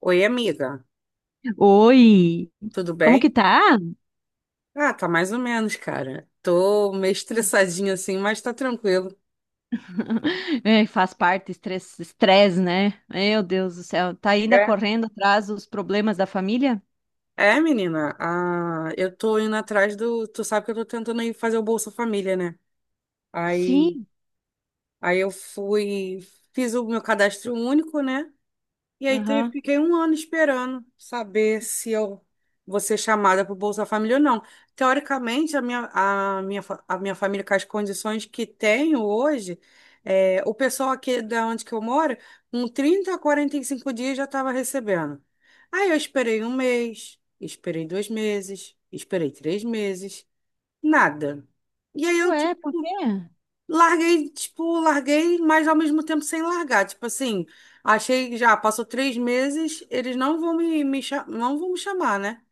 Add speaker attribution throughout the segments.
Speaker 1: Oi, amiga,
Speaker 2: Oi,
Speaker 1: tudo
Speaker 2: como que
Speaker 1: bem?
Speaker 2: tá?
Speaker 1: Ah, tá mais ou menos, cara. Tô meio estressadinha assim, mas tá tranquilo.
Speaker 2: É, faz parte, estresse, né? Meu Deus do céu, tá ainda
Speaker 1: É?
Speaker 2: correndo atrás dos problemas da família?
Speaker 1: É, menina, eu tô indo atrás do. Tu sabe que eu tô tentando ir fazer o Bolsa Família, né? Aí,
Speaker 2: Sim,
Speaker 1: aí eu fui, fiz o meu cadastro único, né? E aí então, eu
Speaker 2: aham.
Speaker 1: fiquei um ano esperando saber se eu vou ser chamada para o Bolsa Família ou não. Teoricamente, a minha família, com as condições que tenho hoje, é, o pessoal aqui da onde que eu moro, com 30 a 45 dias já estava recebendo. Aí eu esperei um mês, esperei 2 meses, esperei 3 meses, nada. E aí eu,
Speaker 2: Ué,
Speaker 1: tipo,
Speaker 2: por quê?
Speaker 1: larguei, tipo, larguei, mas ao mesmo tempo sem largar. Tipo assim, achei que já passou 3 meses, eles não vão não vão me chamar, né?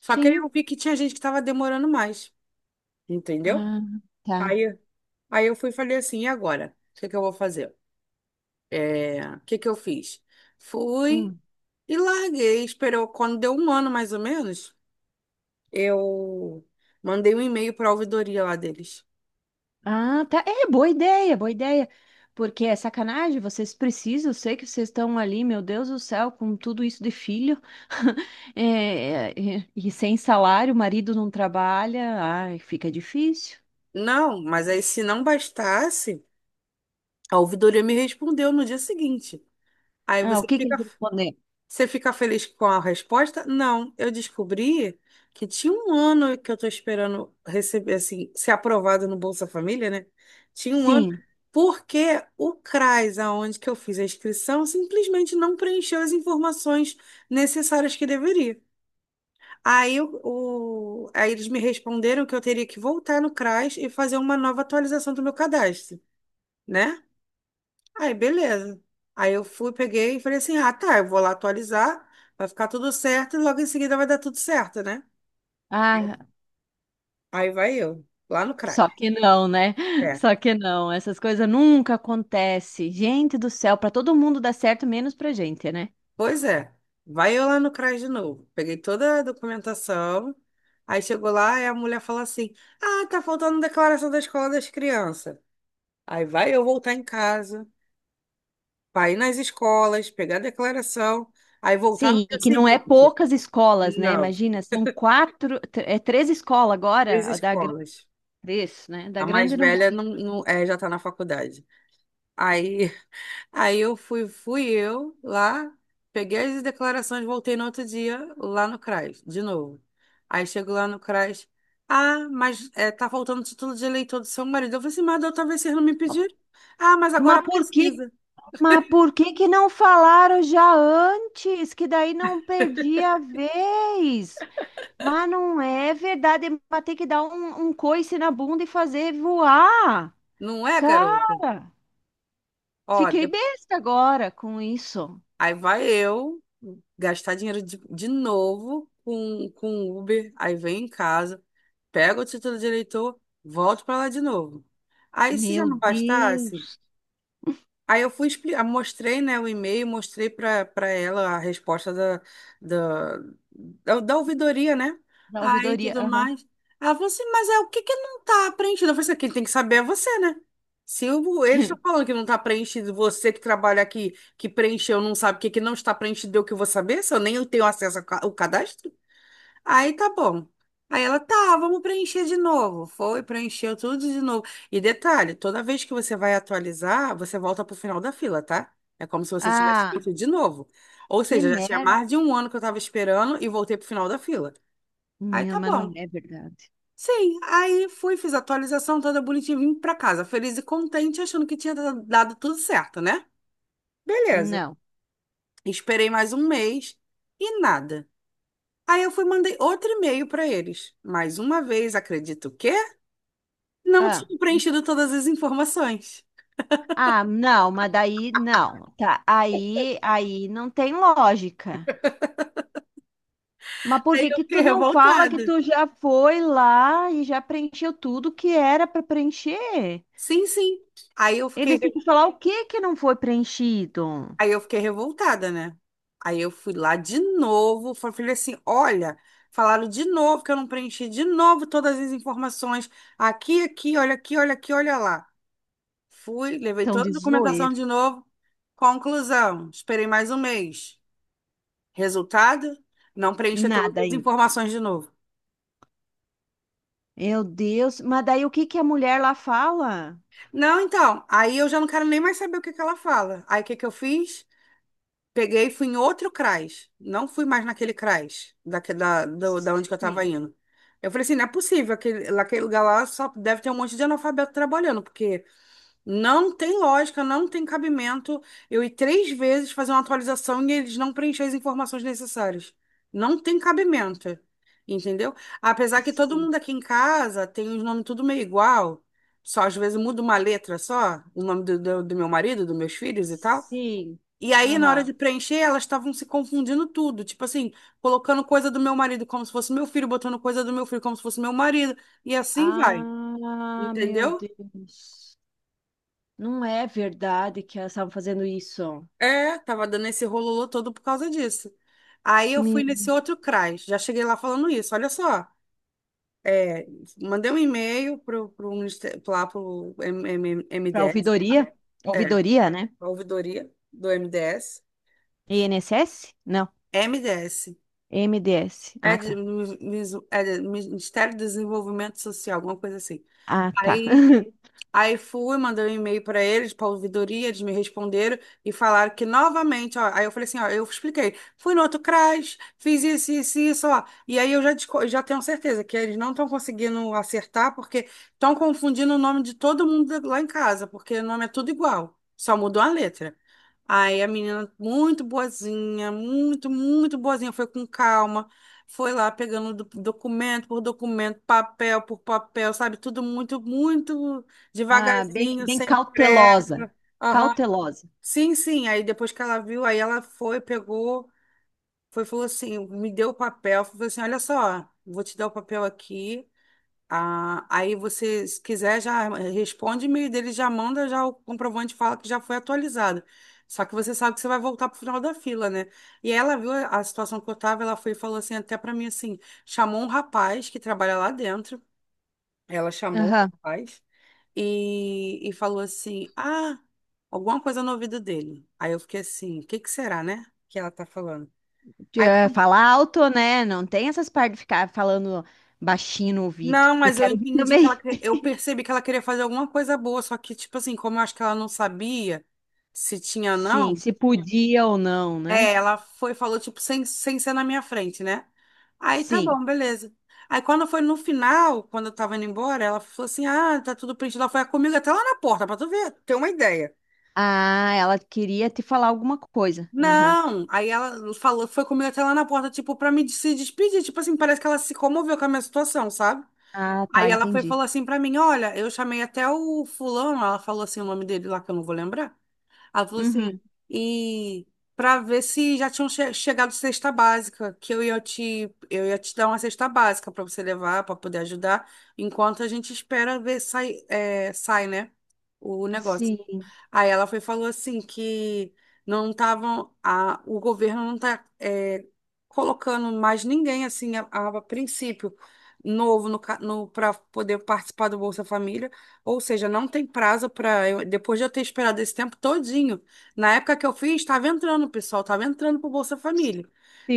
Speaker 1: Só que aí
Speaker 2: Sim.
Speaker 1: eu vi que tinha gente que tava demorando mais, entendeu?
Speaker 2: Ah, tá.
Speaker 1: Aí, aí eu fui e falei assim, e agora? O que que eu vou fazer? É, o que que eu fiz? Fui
Speaker 2: Hum.
Speaker 1: e larguei, esperou. Quando deu um ano, mais ou menos, eu mandei um e-mail para a ouvidoria lá deles.
Speaker 2: Ah, tá. É, boa ideia. Porque é sacanagem, vocês precisam, eu sei que vocês estão ali, meu Deus do céu, com tudo isso de filho. E sem salário, o marido não trabalha, ai, fica difícil.
Speaker 1: Não, mas aí se não bastasse. A ouvidoria me respondeu no dia seguinte. Aí
Speaker 2: Ah, o
Speaker 1: você
Speaker 2: que que
Speaker 1: fica,
Speaker 2: eles responderam?
Speaker 1: você fica feliz com a resposta? Não, eu descobri que tinha um ano que eu estou esperando receber, assim, ser aprovado no Bolsa Família, né? Tinha um ano,
Speaker 2: Sim.
Speaker 1: porque o CRAS, aonde que eu fiz a inscrição, simplesmente não preencheu as informações necessárias que deveria. Aí, o, aí eles me responderam que eu teria que voltar no CRAS e fazer uma nova atualização do meu cadastro, né? Aí, beleza. Aí eu fui, peguei e falei assim: ah, tá, eu vou lá atualizar, vai ficar tudo certo e logo em seguida vai dar tudo certo, né?
Speaker 2: Ah,
Speaker 1: Aí vai eu, lá no CRAS.
Speaker 2: só que não, né?
Speaker 1: É,
Speaker 2: Só que não. Essas coisas nunca acontecem. Gente do céu, para todo mundo dá certo, menos pra gente, né?
Speaker 1: pois é. Vai eu lá no CRAS de novo. Peguei toda a documentação. Aí chegou lá e a mulher falou assim: ah, tá faltando declaração da escola das crianças. Aí vai eu voltar em casa, pra ir nas escolas, pegar a declaração, aí voltar no
Speaker 2: Sim,
Speaker 1: dia
Speaker 2: e que não é
Speaker 1: seguinte.
Speaker 2: poucas escolas, né?
Speaker 1: Não,
Speaker 2: Imagina, são é três escolas
Speaker 1: três
Speaker 2: agora, a da grande,
Speaker 1: escolas.
Speaker 2: três, né? Da
Speaker 1: A mais
Speaker 2: grande não
Speaker 1: velha
Speaker 2: precisa.
Speaker 1: não, é, já tá na faculdade. Aí, aí eu fui eu lá, peguei as declarações, voltei no outro dia lá no CRAS, de novo. Aí chego lá no CRAS, ah, mas é, tá faltando o título de eleitor do seu marido. Eu falei assim, mas da outra vez vocês não me pediram. Ah, mas agora
Speaker 2: Mas por que,
Speaker 1: precisa.
Speaker 2: mas por que que não falaram já antes? Que daí não perdia a vez. Mas não é verdade. Vai ter que dar um coice na bunda e fazer voar.
Speaker 1: Não é,
Speaker 2: Cara,
Speaker 1: garota? Ó,
Speaker 2: fiquei
Speaker 1: de-
Speaker 2: besta agora com isso.
Speaker 1: aí vai eu gastar dinheiro de novo com Uber, aí vem em casa. Pego o título de eleitor, volto para lá de novo. Aí, se já
Speaker 2: Meu
Speaker 1: não bastasse,
Speaker 2: Deus,
Speaker 1: aí eu fui explicar, mostrei, né, o e-mail, mostrei para ela a resposta da, da ouvidoria, né?
Speaker 2: da
Speaker 1: Aí
Speaker 2: ouvidoria.
Speaker 1: tudo
Speaker 2: Aham.
Speaker 1: mais. Ela falou assim, mas é o que que não tá preenchido? Eu falei assim, quem tem que saber é você, né? Se o- Eles estão falando que não está preenchido, você que trabalha aqui, que preencheu, não sabe o que, que não está preenchido, eu que vou saber, se eu nem tenho acesso ao cadastro? Aí tá bom. Aí ela, tá, vamos preencher de novo. Foi, preencheu tudo de novo. E detalhe, toda vez que você vai atualizar, você volta pro final da fila, tá? É como se você tivesse
Speaker 2: Ah,
Speaker 1: feito de novo. Ou
Speaker 2: que
Speaker 1: seja, já tinha
Speaker 2: merda.
Speaker 1: mais de um ano que eu tava esperando e voltei pro final da fila. Aí
Speaker 2: Meu,
Speaker 1: tá
Speaker 2: mas não
Speaker 1: bom.
Speaker 2: é verdade.
Speaker 1: Sim, aí fui, fiz a atualização toda bonitinha, vim pra casa, feliz e contente, achando que tinha dado tudo certo, né? Beleza.
Speaker 2: Não.
Speaker 1: Esperei mais um mês e nada. Aí eu fui e mandei outro e-mail para eles. Mais uma vez, acredito que não
Speaker 2: Ah,
Speaker 1: tinha preenchido todas as informações.
Speaker 2: não, mas daí não. Aí não tem lógica. Mas por
Speaker 1: Aí
Speaker 2: que
Speaker 1: eu
Speaker 2: que
Speaker 1: fiquei
Speaker 2: tu não fala que
Speaker 1: revoltada.
Speaker 2: tu já foi lá e já preencheu tudo que era para preencher?
Speaker 1: Sim, sim. Aí eu fiquei,
Speaker 2: Eles têm que falar o que que não foi preenchido.
Speaker 1: aí eu fiquei revoltada, né? Aí eu fui lá de novo, falei assim, olha, falaram de novo que eu não preenchi de novo todas as informações. Aqui, aqui, olha aqui, olha aqui, olha lá. Fui, levei
Speaker 2: Estão
Speaker 1: toda
Speaker 2: de
Speaker 1: a documentação
Speaker 2: zoeira.
Speaker 1: de novo. Conclusão, esperei mais um mês. Resultado? Não preencher todas
Speaker 2: Nada
Speaker 1: as
Speaker 2: ainda.
Speaker 1: informações de novo.
Speaker 2: Meu Deus. Mas daí o que que a mulher lá fala?
Speaker 1: Não, então, aí eu já não quero nem mais saber o que que ela fala. Aí o que que eu fiz? Peguei e fui em outro CRAS. Não fui mais naquele CRAS, onde que eu tava
Speaker 2: Sim,
Speaker 1: indo. Eu falei assim, não é possível, naquele lugar lá só deve ter um monte de analfabeto trabalhando, porque não tem lógica, não tem cabimento eu ir três vezes fazer uma atualização e eles não preencherem as informações necessárias. Não tem cabimento, entendeu? Apesar que todo
Speaker 2: sim,
Speaker 1: mundo aqui em casa tem os nomes tudo meio igual, só às vezes muda uma letra só, o nome do meu marido, dos meus filhos e tal.
Speaker 2: sim.
Speaker 1: E aí, na hora de
Speaker 2: Aham.
Speaker 1: preencher, elas estavam se confundindo tudo, tipo assim, colocando coisa do meu marido como se fosse meu filho, botando coisa do meu filho como se fosse meu marido, e assim vai,
Speaker 2: Ah, meu
Speaker 1: entendeu?
Speaker 2: Deus. Não é verdade que elas estavam fazendo isso.
Speaker 1: É, tava dando esse rololô todo por causa disso. Aí eu fui nesse outro CRAS, já cheguei lá falando isso, olha só. É, mandei um e-mail pro, pro, ministério- lá pro M- M-
Speaker 2: Para
Speaker 1: MDS, tá?
Speaker 2: ouvidoria?
Speaker 1: É,
Speaker 2: Ouvidoria, né?
Speaker 1: a ouvidoria do MDS.
Speaker 2: INSS? Não.
Speaker 1: MDS,
Speaker 2: MDS.
Speaker 1: é,
Speaker 2: Ah, tá.
Speaker 1: Ministério do Desenvolvimento Social, alguma coisa assim.
Speaker 2: Ah, tá.
Speaker 1: Aí Aí fui, mandei um e-mail para eles, para a ouvidoria, eles me responderam e falaram que novamente, ó, aí eu falei assim, ó, eu expliquei, fui no outro CRAS, fiz isso, isso, isso, ó, e aí já tenho certeza que eles não estão conseguindo acertar porque estão confundindo o nome de todo mundo lá em casa, porque o nome é tudo igual, só mudou a letra. Aí a menina, muito boazinha, muito, muito boazinha, foi com calma, foi lá pegando documento por documento, papel por papel, sabe? Tudo muito, muito
Speaker 2: Ah, bem,
Speaker 1: devagarzinho,
Speaker 2: bem
Speaker 1: sem pressa.
Speaker 2: cautelosa.
Speaker 1: Aham.
Speaker 2: Cautelosa.
Speaker 1: Sim, sim. Aí depois que ela viu, aí ela foi, pegou, foi, falou assim, me deu o papel, falou assim, olha só, vou te dar o papel aqui. Ah, aí você, se quiser, já responde o e-mail dele, já manda já o comprovante, fala que já foi atualizado. Só que você sabe que você vai voltar pro final da fila, né? E ela viu a situação que eu tava, ela foi e falou assim, até pra mim assim, chamou um rapaz que trabalha lá dentro. Ela chamou o
Speaker 2: Aham.
Speaker 1: rapaz e falou assim: "Ah, alguma coisa no ouvido dele." Aí eu fiquei assim, o que que será, né? Que ela tá falando.
Speaker 2: De,
Speaker 1: Aí
Speaker 2: falar alto, né? Não tem essas partes de ficar falando baixinho no ouvido.
Speaker 1: Não,
Speaker 2: Eu
Speaker 1: mas eu
Speaker 2: quero ouvir
Speaker 1: entendi que ela,
Speaker 2: também.
Speaker 1: eu percebi que ela queria fazer alguma coisa boa, só que, tipo assim, como eu acho que ela não sabia se tinha ou
Speaker 2: Sim,
Speaker 1: não,
Speaker 2: se podia ou não, né?
Speaker 1: é, ela foi, e falou, tipo, sem ser na minha frente, né? Aí tá
Speaker 2: Sim.
Speaker 1: bom, beleza. Aí quando foi no final, quando eu tava indo embora, ela falou assim: ah, tá tudo preenchido. Ela foi comigo até lá na porta, pra tu ver, ter uma ideia.
Speaker 2: Ah, ela queria te falar alguma coisa. Aham.
Speaker 1: Não, aí ela falou, foi comigo até lá na porta, tipo, pra me se despedir. Tipo assim, parece que ela se comoveu com a minha situação, sabe?
Speaker 2: Ah,
Speaker 1: Aí
Speaker 2: tá,
Speaker 1: ela foi e
Speaker 2: entendi.
Speaker 1: falou assim pra mim: olha, eu chamei até o fulano, ela falou assim o nome dele lá que eu não vou lembrar. Ela falou assim:
Speaker 2: Uhum.
Speaker 1: e pra ver se já tinham chegado cesta básica, que eu ia te dar uma cesta básica pra você levar, pra poder ajudar, enquanto a gente espera ver sai, é, sai, né? O negócio.
Speaker 2: Sim,
Speaker 1: Aí ela foi e falou assim que não estavam, o governo não está colocando mais ninguém assim a princípio novo no, para poder participar do Bolsa Família, ou seja, não tem prazo para depois de eu ter esperado esse tempo todinho. Na época que eu fiz, estava entrando, pessoal, estava entrando para o Bolsa Família.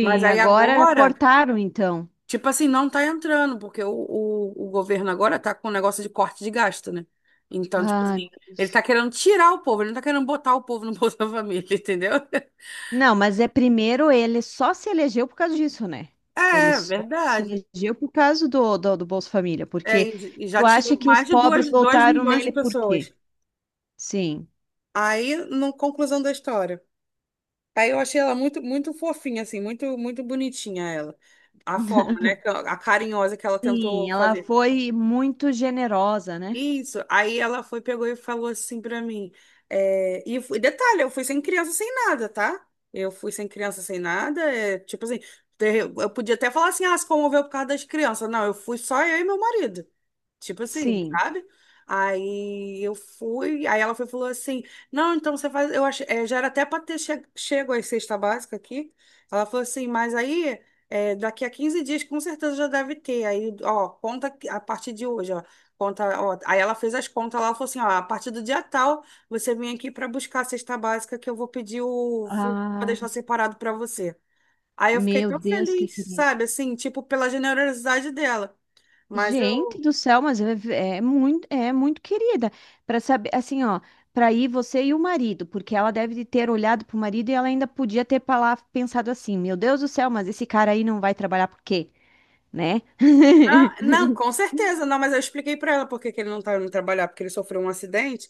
Speaker 1: Mas aí
Speaker 2: Agora
Speaker 1: agora
Speaker 2: cortaram, então.
Speaker 1: tipo assim, não tá entrando, porque o governo agora tá com um negócio de corte de gasto, né? Então, tipo assim,
Speaker 2: Ai, meu
Speaker 1: ele
Speaker 2: Deus.
Speaker 1: tá querendo tirar o povo, ele não tá querendo botar o povo no Bolsa Família, entendeu?
Speaker 2: Não, mas é primeiro ele só se elegeu por causa disso, né? Ele
Speaker 1: É,
Speaker 2: só se
Speaker 1: verdade.
Speaker 2: elegeu por causa do Bolsa Família,
Speaker 1: É,
Speaker 2: porque
Speaker 1: e já
Speaker 2: tu acha
Speaker 1: tirou
Speaker 2: que os
Speaker 1: mais de
Speaker 2: pobres
Speaker 1: dois
Speaker 2: votaram
Speaker 1: milhões de
Speaker 2: nele por
Speaker 1: pessoas.
Speaker 2: quê? Sim.
Speaker 1: Aí, na conclusão da história. Aí eu achei ela muito, muito fofinha, assim, muito, muito bonitinha ela. A forma, né? A carinhosa que ela
Speaker 2: Sim,
Speaker 1: tentou
Speaker 2: ela
Speaker 1: fazer.
Speaker 2: foi muito generosa, né?
Speaker 1: Isso. Aí ela foi, pegou e falou assim pra mim. É, detalhe, eu fui sem criança, sem nada, tá? Eu fui sem criança, sem nada. É, tipo assim, eu podia até falar assim, ah, se comoveu por causa das crianças. Não, eu fui só eu e meu marido. Tipo assim,
Speaker 2: Sim.
Speaker 1: sabe? Aí eu fui, aí ela foi, e falou assim: não, então você faz. Eu achei, é, já era até para ter chego à cesta básica aqui. Ela falou assim: mas aí, é, daqui a 15 dias, com certeza já deve ter. Aí, ó, conta a partir de hoje, ó. Conta, ó. Aí ela fez as contas lá, ela falou assim: ó, a partir do dia tal, você vem aqui para buscar a cesta básica que eu vou pedir o, para
Speaker 2: Ai,
Speaker 1: deixar separado para você. Aí eu fiquei
Speaker 2: meu
Speaker 1: tão
Speaker 2: Deus, que
Speaker 1: feliz,
Speaker 2: querida.
Speaker 1: sabe? Assim, tipo, pela generosidade dela. Mas
Speaker 2: Gente
Speaker 1: eu
Speaker 2: do céu, mas é, é muito querida. Para saber, assim, ó, para ir você e o marido, porque ela deve ter olhado pro marido e ela ainda podia ter pensado assim: meu Deus do céu, mas esse cara aí não vai trabalhar por quê, né?
Speaker 1: Não, não, com certeza, não, mas eu expliquei para ela porque que ele não tá indo trabalhar, porque ele sofreu um acidente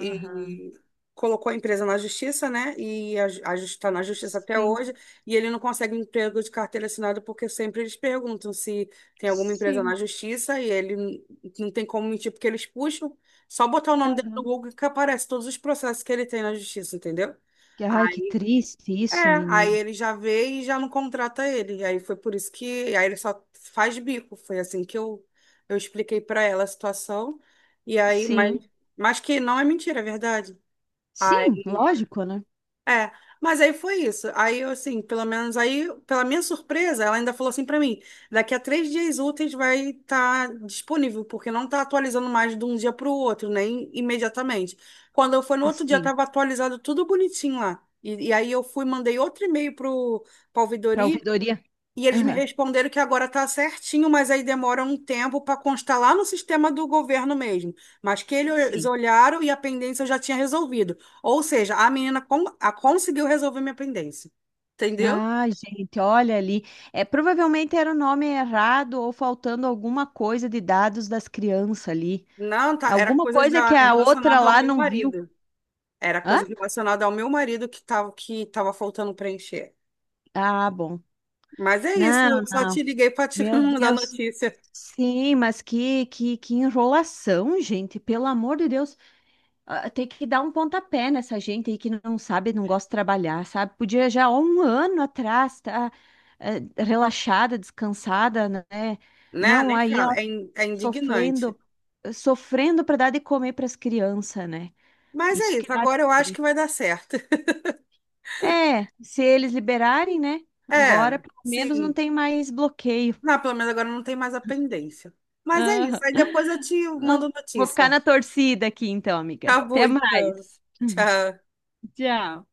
Speaker 2: Aham.
Speaker 1: e colocou a empresa na justiça, né? E está na justiça até
Speaker 2: Sim,
Speaker 1: hoje, e ele não consegue emprego de carteira assinada porque sempre eles perguntam se tem alguma empresa na
Speaker 2: sim.
Speaker 1: justiça e ele não tem como mentir porque eles puxam, só botar o nome dele no Google que aparece todos os processos que ele tem na justiça, entendeu?
Speaker 2: Ai, que triste
Speaker 1: É,
Speaker 2: isso,
Speaker 1: aí
Speaker 2: menino.
Speaker 1: ele já vê e já não contrata ele. E aí foi por isso que aí ele só faz bico. Foi assim que eu expliquei pra ela a situação. E aí, mas,
Speaker 2: Sim,
Speaker 1: mas que não é mentira, é verdade.
Speaker 2: sim,
Speaker 1: Aí
Speaker 2: lógico, né?
Speaker 1: é, mas aí foi isso. Aí eu, assim, pelo menos aí, pela minha surpresa, ela ainda falou assim pra mim: daqui a 3 dias úteis vai estar disponível, porque não tá atualizando mais de um dia pro outro, nem imediatamente. Quando eu fui no outro dia,
Speaker 2: Sim.
Speaker 1: tava atualizado tudo bonitinho lá. E aí eu fui, mandei outro e-mail pro pra
Speaker 2: Para
Speaker 1: ouvidoria
Speaker 2: ouvidoria?
Speaker 1: e eles me
Speaker 2: Aham,
Speaker 1: responderam que agora está certinho, mas aí demora um tempo para constar lá no sistema do governo mesmo. Mas que eles
Speaker 2: sim.
Speaker 1: olharam e a pendência eu já tinha resolvido. Ou seja, a menina a conseguiu resolver minha pendência. Entendeu?
Speaker 2: Ah, gente, olha ali. É, provavelmente era o nome errado ou faltando alguma coisa de dados das crianças ali.
Speaker 1: Não, tá, era
Speaker 2: Alguma
Speaker 1: coisas
Speaker 2: coisa que a outra
Speaker 1: relacionada ao
Speaker 2: lá
Speaker 1: meu
Speaker 2: não viu.
Speaker 1: marido. Era coisa
Speaker 2: Hã?
Speaker 1: relacionada ao meu marido que tava faltando preencher.
Speaker 2: Ah, bom.
Speaker 1: Mas é isso,
Speaker 2: Não,
Speaker 1: eu só te
Speaker 2: não.
Speaker 1: liguei para te
Speaker 2: Meu
Speaker 1: mandar
Speaker 2: Deus.
Speaker 1: notícia,
Speaker 2: Sim, mas que enrolação, gente. Pelo amor de Deus. Ah, tem que dar um pontapé nessa gente aí que não sabe, não gosta de trabalhar, sabe? Podia já há um ano atrás estar relaxada, descansada, né?
Speaker 1: né?
Speaker 2: Não,
Speaker 1: Nem
Speaker 2: aí ó,
Speaker 1: fala, é indignante.
Speaker 2: sofrendo, sofrendo para dar de comer para as crianças, né?
Speaker 1: Mas é
Speaker 2: Isso que
Speaker 1: isso,
Speaker 2: dá
Speaker 1: agora eu acho que
Speaker 2: triste.
Speaker 1: vai dar certo.
Speaker 2: É, se eles liberarem, né? Agora,
Speaker 1: É,
Speaker 2: pelo menos, não
Speaker 1: sim.
Speaker 2: tem mais bloqueio.
Speaker 1: Não, pelo menos agora não tem mais a pendência. Mas é isso.
Speaker 2: Aham.
Speaker 1: Aí depois eu te mando
Speaker 2: Não, vou ficar
Speaker 1: notícia.
Speaker 2: na torcida aqui, então, amiga.
Speaker 1: Tá bom,
Speaker 2: Até
Speaker 1: então.
Speaker 2: mais.
Speaker 1: Tchau.
Speaker 2: Tchau.